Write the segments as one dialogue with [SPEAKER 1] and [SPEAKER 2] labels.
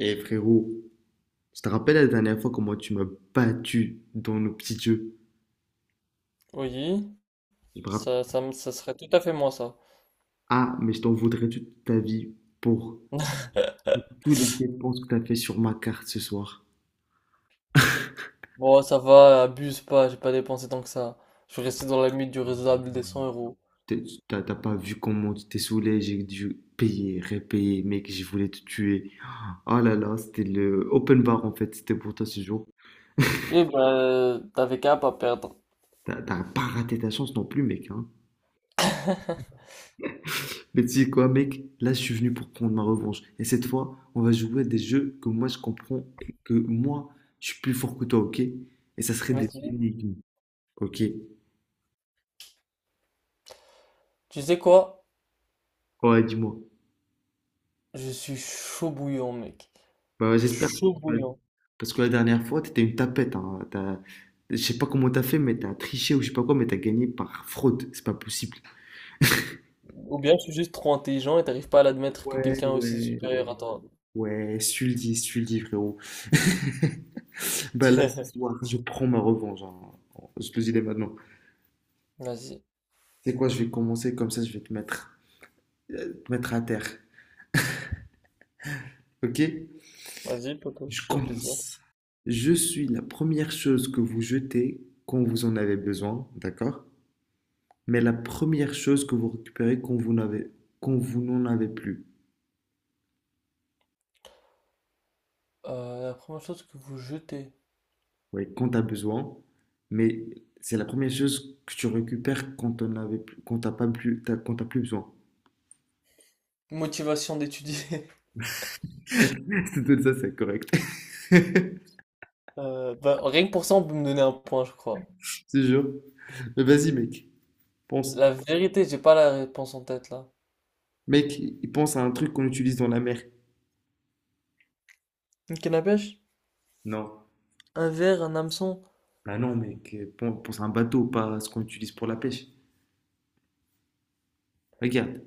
[SPEAKER 1] Et frérot, je te rappelle la dernière fois comment tu m'as battu dans nos petits jeux.
[SPEAKER 2] Oui,
[SPEAKER 1] Je me rappelle.
[SPEAKER 2] ça, ça serait tout à fait moi ça.
[SPEAKER 1] Ah, mais je t'en voudrais toute ta vie pour toutes les dépenses que t'as fait sur ma carte ce soir.
[SPEAKER 2] Bon, ça va, abuse pas, j'ai pas dépensé tant que ça. Je suis resté dans la limite du raisonnable des 100 euros.
[SPEAKER 1] T'as pas vu comment tu t'es saoulé, j'ai dû payer, répayer, mec, je voulais te tuer. Oh là là, c'était le open bar en fait, c'était pour toi ce jour.
[SPEAKER 2] Eh ben, t'avais qu'à pas perdre.
[SPEAKER 1] T'as pas raté ta chance non plus, mec, hein. Mais tu sais quoi, mec? Là, je suis venu pour prendre ma revanche. Et cette fois, on va jouer à des jeux que moi, je comprends et que moi, je suis plus fort que toi, ok? Et ça serait des
[SPEAKER 2] Vas-y.
[SPEAKER 1] énigmes, ok?
[SPEAKER 2] Tu sais quoi?
[SPEAKER 1] Ouais, dis-moi.
[SPEAKER 2] Je suis chaud bouillant, mec.
[SPEAKER 1] Bah, j'espère.
[SPEAKER 2] Chaud
[SPEAKER 1] Parce que
[SPEAKER 2] bouillant.
[SPEAKER 1] parce que la dernière fois, t'étais une tapette. Hein. Je sais pas comment t'as fait, mais t'as triché ou je sais pas quoi, mais t'as gagné par fraude. C'est pas possible.
[SPEAKER 2] Ou bien je suis juste trop intelligent et t'arrives pas à l'admettre que
[SPEAKER 1] Ouais,
[SPEAKER 2] quelqu'un est aussi
[SPEAKER 1] ouais,
[SPEAKER 2] supérieur
[SPEAKER 1] ouais.
[SPEAKER 2] à toi.
[SPEAKER 1] Ouais, Sully, Sully, frérot. Bah là, ce soir, je prends ma revanche, hein. Je te le dis dès maintenant.
[SPEAKER 2] Vas-y.
[SPEAKER 1] C'est quoi, je vais commencer comme ça, je vais te mettre à terre. Ok?
[SPEAKER 2] Vas-y, poto,
[SPEAKER 1] Je
[SPEAKER 2] fais-toi plaisir.
[SPEAKER 1] commence. Je suis la première chose que vous jetez quand vous en avez besoin, d'accord? Mais la première chose que vous récupérez quand vous n'en avez plus.
[SPEAKER 2] La première chose que vous jetez.
[SPEAKER 1] Oui, quand tu as besoin, mais c'est la première chose que tu récupères quand on avait plus, quand t'as pas plus, t'as- quand t'as plus besoin.
[SPEAKER 2] Motivation d'étudier.
[SPEAKER 1] C'est tout ça, c'est correct.
[SPEAKER 2] Rien que pour ça, on peut me donner un point, je crois.
[SPEAKER 1] C'est sûr. Mais vas-y, mec, pense.
[SPEAKER 2] La vérité, j'ai pas la réponse en tête là.
[SPEAKER 1] Mec, il pense à un truc qu'on utilise dans la mer.
[SPEAKER 2] Une canne à pêche?
[SPEAKER 1] Non.
[SPEAKER 2] Un verre, un hameçon?
[SPEAKER 1] Bah non, mec, pense à un bateau, pas à ce qu'on utilise pour la pêche. Regarde,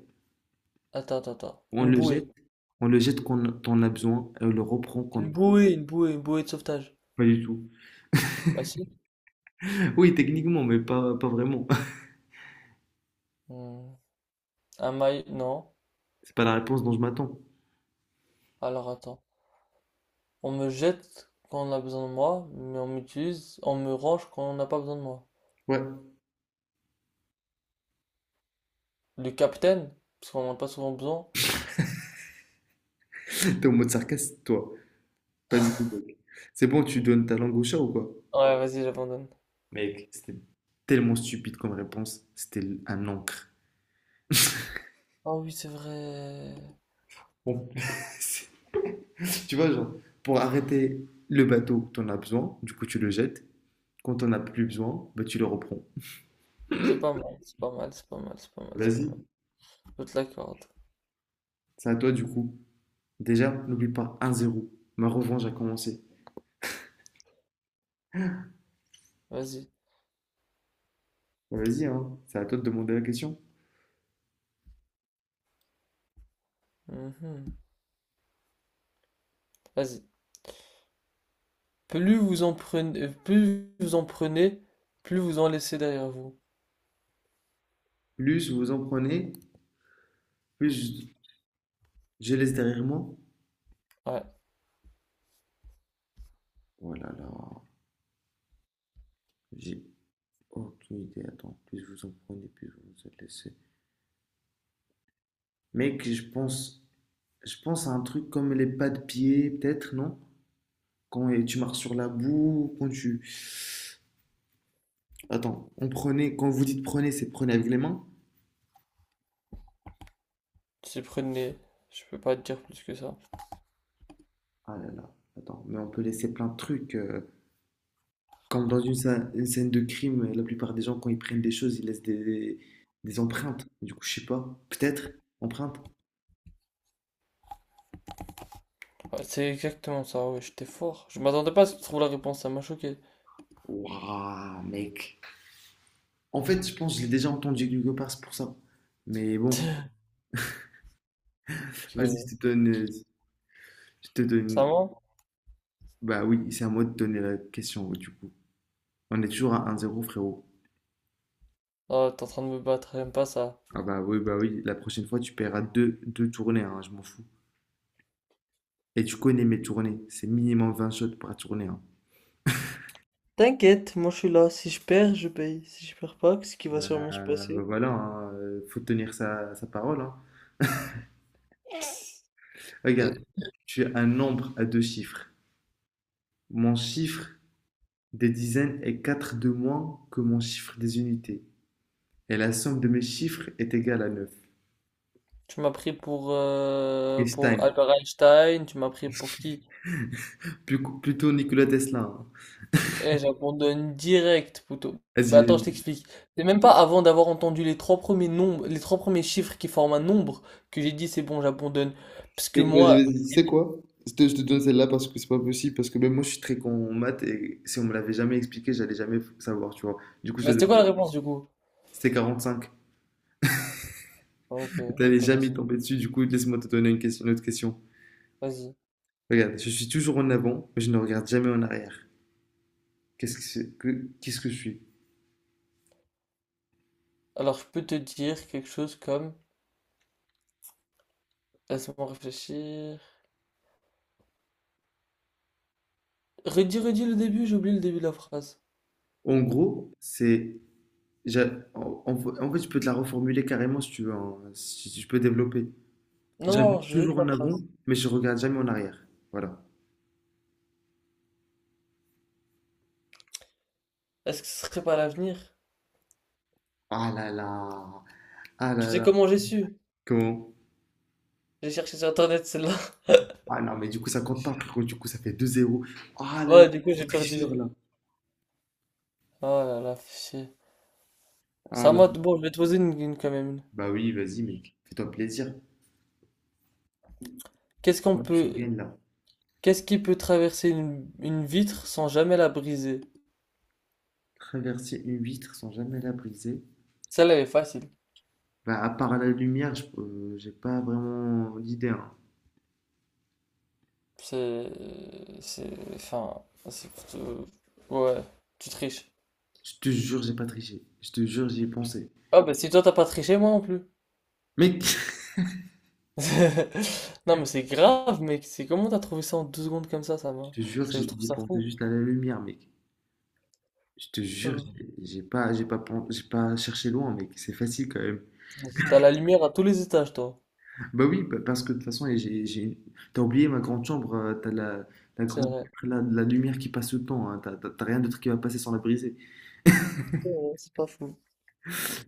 [SPEAKER 2] Attends, attends, attends.
[SPEAKER 1] on
[SPEAKER 2] Une
[SPEAKER 1] le
[SPEAKER 2] bouée.
[SPEAKER 1] jette, on le jette quand on en a besoin et on le reprend quand on
[SPEAKER 2] Une
[SPEAKER 1] en a.
[SPEAKER 2] bouée, une bouée, une bouée de sauvetage.
[SPEAKER 1] Pas du tout.
[SPEAKER 2] Bah si.
[SPEAKER 1] Oui, techniquement, mais pas vraiment.
[SPEAKER 2] Hmm. Un maille, non.
[SPEAKER 1] C'est pas la réponse dont je m'attends.
[SPEAKER 2] Alors attends. On me jette quand on a besoin de moi, mais on m'utilise, on me range quand on n'a pas besoin de moi.
[SPEAKER 1] Ouais,
[SPEAKER 2] Le capitaine, parce qu'on n'en a pas souvent besoin.
[SPEAKER 1] t'es en mode sarcasme, toi. Pas du tout, mec. C'est bon, tu donnes ta langue au chat ou quoi?
[SPEAKER 2] Ouais, vas-y, j'abandonne.
[SPEAKER 1] Mec, c'était tellement stupide comme réponse. Un encre.
[SPEAKER 2] Ah oui, c'est vrai.
[SPEAKER 1] Bon, c'est- tu vois, genre, pour arrêter le bateau, t'en as besoin, du coup, tu le jettes. Quand t'en as plus besoin, bah, tu le reprends.
[SPEAKER 2] C'est pas mal, c'est pas mal, c'est pas mal, c'est pas mal, c'est pas
[SPEAKER 1] Vas-y.
[SPEAKER 2] mal. Je te l'accorde.
[SPEAKER 1] C'est à toi du coup. Déjà, n'oublie pas 1-0. Ma revanche a commencé.
[SPEAKER 2] Vas-y.
[SPEAKER 1] Bon, vas-y, hein. C'est à toi de demander la question.
[SPEAKER 2] Mhm. Vas-y. Plus vous en prenez, plus vous en prenez, plus vous en laissez derrière vous.
[SPEAKER 1] Plus vous en prenez, plus je laisse derrière moi.
[SPEAKER 2] Ouais,
[SPEAKER 1] Oh là là, j'ai aucune idée. Attends, plus vous en prenez, plus vous vous êtes laissé. Mec, je pense à un truc comme les pas de pied, peut-être, non? Quand tu marches sur la boue, quand tu... Attends, on prenait, quand vous dites prenez, c'est prenez avec les mains?
[SPEAKER 2] si prenez, je peux pas te dire plus que ça.
[SPEAKER 1] Ah là là, attends, mais on peut laisser plein de trucs. Comme dans une scène de crime, la plupart des gens, quand ils prennent des choses, ils laissent des empreintes. Du coup, je sais pas. Peut-être, empreintes.
[SPEAKER 2] Ouais, c'est exactement ça, ouais, j'étais fort. Je m'attendais pas à ce que tu trouves la réponse, ça m'a choqué.
[SPEAKER 1] Waouh, mec. En fait, je pense que je l'ai déjà entendu quelque part, c'est pour ça. Mais bon,
[SPEAKER 2] Ok,
[SPEAKER 1] vas-y,
[SPEAKER 2] ouais.
[SPEAKER 1] je te donne. Je te
[SPEAKER 2] Ça
[SPEAKER 1] donne.
[SPEAKER 2] ment?
[SPEAKER 1] Bah oui, c'est à moi de donner la question, du coup. On est toujours à un zéro, frérot.
[SPEAKER 2] Oh, t'es en train de me battre, j'aime pas ça.
[SPEAKER 1] Ah bah oui, la prochaine fois, tu paieras deux tournées, hein, je m'en fous. Et tu connais mes tournées, c'est minimum 20 shots par tournée, hein.
[SPEAKER 2] T'inquiète, moi je suis là. Si je perds, je paye. Si je perds pas, ce qui
[SPEAKER 1] Bah,
[SPEAKER 2] va sûrement se
[SPEAKER 1] bah
[SPEAKER 2] passer.
[SPEAKER 1] voilà, hein, faut tenir sa parole, hein.
[SPEAKER 2] Et
[SPEAKER 1] Regarde, tu es un nombre à deux chiffres. Mon chiffre des dizaines est 4 de moins que mon chiffre des unités. Et la somme de mes chiffres est égale à 9.
[SPEAKER 2] tu m'as pris pour
[SPEAKER 1] Einstein,
[SPEAKER 2] Albert Einstein, tu m'as pris pour qui?
[SPEAKER 1] Plutôt Nikola Tesla, hein.
[SPEAKER 2] Eh, j'abandonne direct, plutôt. Bah
[SPEAKER 1] Vas-y,
[SPEAKER 2] attends, je
[SPEAKER 1] vas-y.
[SPEAKER 2] t'explique. C'est même pas avant d'avoir entendu les trois premiers nombres, les trois premiers chiffres qui forment un nombre que j'ai dit c'est bon, j'abandonne. Parce que
[SPEAKER 1] Mec, vas-y,
[SPEAKER 2] moi,
[SPEAKER 1] vas-y. Tu sais quoi? Je te donne celle-là parce que c'est pas possible, parce que même moi je suis très con en maths et si on me l'avait jamais expliqué, j'allais jamais savoir, tu vois. Du coup, je
[SPEAKER 2] bah
[SPEAKER 1] te donne.
[SPEAKER 2] c'était quoi la réponse du coup?
[SPEAKER 1] C'était 45.
[SPEAKER 2] Ah, ok,
[SPEAKER 1] T'allais jamais
[SPEAKER 2] intéressant.
[SPEAKER 1] tomber dessus, du coup, laisse-moi te donner une question, une autre question.
[SPEAKER 2] Vas-y.
[SPEAKER 1] Regarde, je suis toujours en avant, mais je ne regarde jamais en arrière. Qu'est-ce que je suis?
[SPEAKER 2] Alors je peux te dire quelque chose comme, laisse-moi réfléchir. Redis, redis le début, j'ai oublié le début de la phrase.
[SPEAKER 1] En gros, c'est. En fait, je peux te la reformuler carrément si tu veux, hein, si, si je peux développer.
[SPEAKER 2] Non, non,
[SPEAKER 1] J'avance
[SPEAKER 2] je veux
[SPEAKER 1] toujours
[SPEAKER 2] que la
[SPEAKER 1] en
[SPEAKER 2] phrase.
[SPEAKER 1] avant, mais je regarde jamais en arrière. Voilà.
[SPEAKER 2] Est-ce que ce serait pas l'avenir?
[SPEAKER 1] Ah là là! Ah
[SPEAKER 2] Tu
[SPEAKER 1] là
[SPEAKER 2] sais
[SPEAKER 1] là!
[SPEAKER 2] comment j'ai su?
[SPEAKER 1] Comment?
[SPEAKER 2] J'ai cherché sur internet celle-là.
[SPEAKER 1] Ah non, mais du coup, ça compte pas, frérot. Du coup, ça fait deux zéro. Ah là là,
[SPEAKER 2] Ouais, du coup
[SPEAKER 1] gros
[SPEAKER 2] j'ai
[SPEAKER 1] tricheur
[SPEAKER 2] perdu.
[SPEAKER 1] là!
[SPEAKER 2] Oh là là, fichier. C'est
[SPEAKER 1] Ah
[SPEAKER 2] à
[SPEAKER 1] là
[SPEAKER 2] moi,
[SPEAKER 1] là.
[SPEAKER 2] bon, je vais te poser une quand même.
[SPEAKER 1] Bah oui, vas-y, mec. Fais-toi plaisir.
[SPEAKER 2] Qu'est-ce qu'on
[SPEAKER 1] Je
[SPEAKER 2] peut,
[SPEAKER 1] gagne là.
[SPEAKER 2] qu'est-ce qui peut traverser une vitre sans jamais la briser?
[SPEAKER 1] Traverser une vitre sans jamais la briser.
[SPEAKER 2] Celle-là elle est facile.
[SPEAKER 1] Bah, à part la lumière, j'ai pas vraiment d'idée, hein.
[SPEAKER 2] C'est, c'est, enfin, c'est- euh, ouais, tu triches.
[SPEAKER 1] Je te jure, j'ai pas triché. Je te jure, j'y ai pensé.
[SPEAKER 2] Ah bah si toi t'as pas triché, moi non plus.
[SPEAKER 1] Mec,
[SPEAKER 2] Non mais c'est grave, mec. C'est comment t'as trouvé ça en 2 secondes comme ça
[SPEAKER 1] je
[SPEAKER 2] va.
[SPEAKER 1] te jure,
[SPEAKER 2] C'est, je
[SPEAKER 1] j'y
[SPEAKER 2] trouve
[SPEAKER 1] j'y ai
[SPEAKER 2] ça
[SPEAKER 1] pensé
[SPEAKER 2] fou.
[SPEAKER 1] juste à la lumière, mec. Je te jure,
[SPEAKER 2] Euh,
[SPEAKER 1] j'ai pas cherché loin, mec. C'est facile quand même.
[SPEAKER 2] T'as la lumière à tous les étages, toi.
[SPEAKER 1] Bah oui, parce que de toute façon, et j'ai... t'as oublié ma grande chambre. T'as la
[SPEAKER 2] C'est
[SPEAKER 1] grande,
[SPEAKER 2] vrai.
[SPEAKER 1] la lumière qui passe tout le temps, hein. T'as rien d'autre qui va passer sans la briser.
[SPEAKER 2] C'est vrai, c'est pas fou.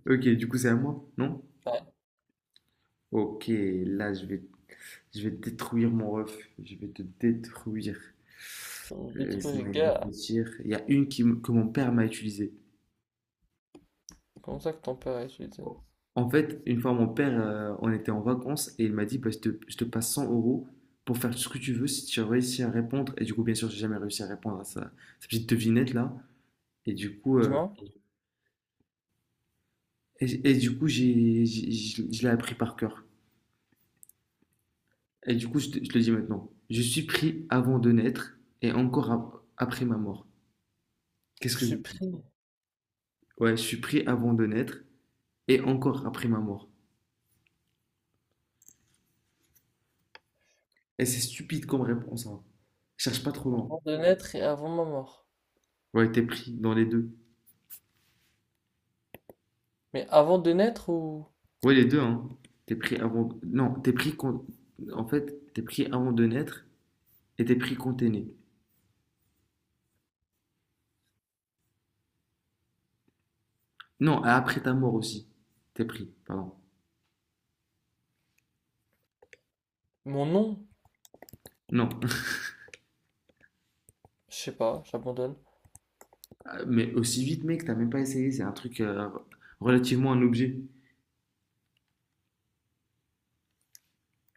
[SPEAKER 1] Ok, du coup, c'est à moi, non?
[SPEAKER 2] Ouais,
[SPEAKER 1] Ok, là, je vais détruire mon ref. Je vais te détruire.
[SPEAKER 2] ça me détruit les
[SPEAKER 1] Laisse-moi y
[SPEAKER 2] gars.
[SPEAKER 1] réfléchir. Il y a une que mon père m'a utilisée.
[SPEAKER 2] Comment ça que ton père est suicide?
[SPEAKER 1] En fait, une fois, mon père, on était en vacances et il m'a dit, bah, je te passe 100 euros pour faire ce que tu veux si tu réussis à répondre. Et du coup, bien sûr, j'ai jamais réussi à répondre à sa petite devinette là. Et du coup, euh,
[SPEAKER 2] Dis-moi.
[SPEAKER 1] et du coup, je l'ai appris par cœur. Et du coup, je te le dis maintenant. Je suis pris avant de naître et encore après ma mort. Qu'est-ce
[SPEAKER 2] Je
[SPEAKER 1] que
[SPEAKER 2] suis
[SPEAKER 1] je...
[SPEAKER 2] pris
[SPEAKER 1] Ouais, je suis pris avant de naître et encore après ma mort. Et c'est stupide comme réponse, hein. Cherche pas trop loin.
[SPEAKER 2] avant de naître et avant ma mort.
[SPEAKER 1] Ouais, t'es pris dans les deux.
[SPEAKER 2] Mais avant de naître ou...
[SPEAKER 1] Ouais, les deux, hein. T'es pris avant. Non, t'es pris quand. En fait, t'es pris avant de naître et t'es pris quand t'es né. Non, après ta mort aussi. T'es pris, pardon.
[SPEAKER 2] Mon nom?
[SPEAKER 1] Non.
[SPEAKER 2] Je sais pas, j'abandonne.
[SPEAKER 1] Mais aussi vite, mec, t'as même pas essayé. C'est un truc relativement un objet.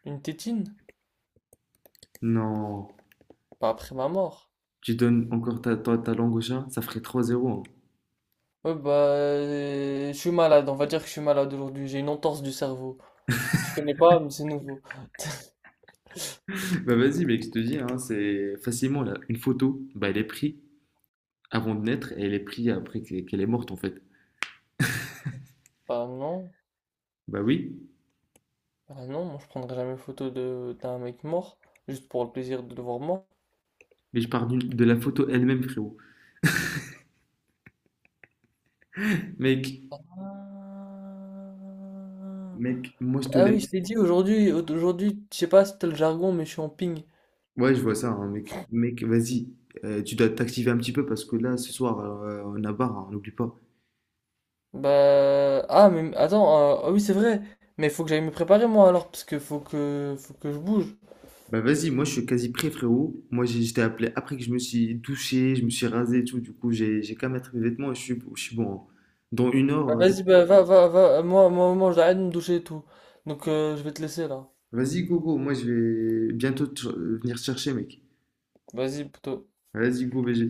[SPEAKER 2] Une tétine?
[SPEAKER 1] Non.
[SPEAKER 2] Pas après ma mort.
[SPEAKER 1] Tu donnes encore ta langue au chat, ça ferait 3-0, hein.
[SPEAKER 2] Ouais, bah, je suis malade, on va dire que je suis malade aujourd'hui, j'ai une entorse du cerveau. Tu connais pas, mais c'est nouveau.
[SPEAKER 1] Bah vas-y, mec, je te dis, hein, c'est facilement là. Une photo, bah elle est prise avant de naître et elle est prise après qu'elle est morte en fait.
[SPEAKER 2] Bah non,
[SPEAKER 1] Bah oui.
[SPEAKER 2] bah non, moi je prendrai jamais photo de d'un mec mort, juste pour le plaisir de le voir mort.
[SPEAKER 1] De la photo elle-même, frérot. Mec,
[SPEAKER 2] Ah,
[SPEAKER 1] Mec, moi je te
[SPEAKER 2] ah oui, je
[SPEAKER 1] laisse.
[SPEAKER 2] t'ai dit aujourd'hui, aujourd'hui, je sais pas si t'as le jargon, mais je suis en ping.
[SPEAKER 1] Ouais, je vois ça, hein, mec. Mec, vas-y. Tu dois t'activer un petit peu parce que là, ce soir, on a barre, hein, n'oublie pas.
[SPEAKER 2] Bah. Ah, mais attends, ah oui, c'est vrai. Mais faut que j'aille me préparer, moi, alors, parce que faut que, faut que je bouge.
[SPEAKER 1] Bah vas-y, moi je suis quasi prêt, frérot. Je t'ai appelé après que je me suis douché, je me suis rasé et tout. Du coup, j'ai qu'à mettre mes vêtements et je suis bon, hein. Dans une heure,
[SPEAKER 2] Bah,
[SPEAKER 1] euh,
[SPEAKER 2] vas-y, bah, va, va, va. Moi, moi, moi, j'arrête de me doucher et tout. Donc, je vais te laisser, là.
[SPEAKER 1] vas-y, go, go. Moi je vais bientôt venir te chercher, mec.
[SPEAKER 2] Vas-y, plutôt.
[SPEAKER 1] Vas-y, go, BG.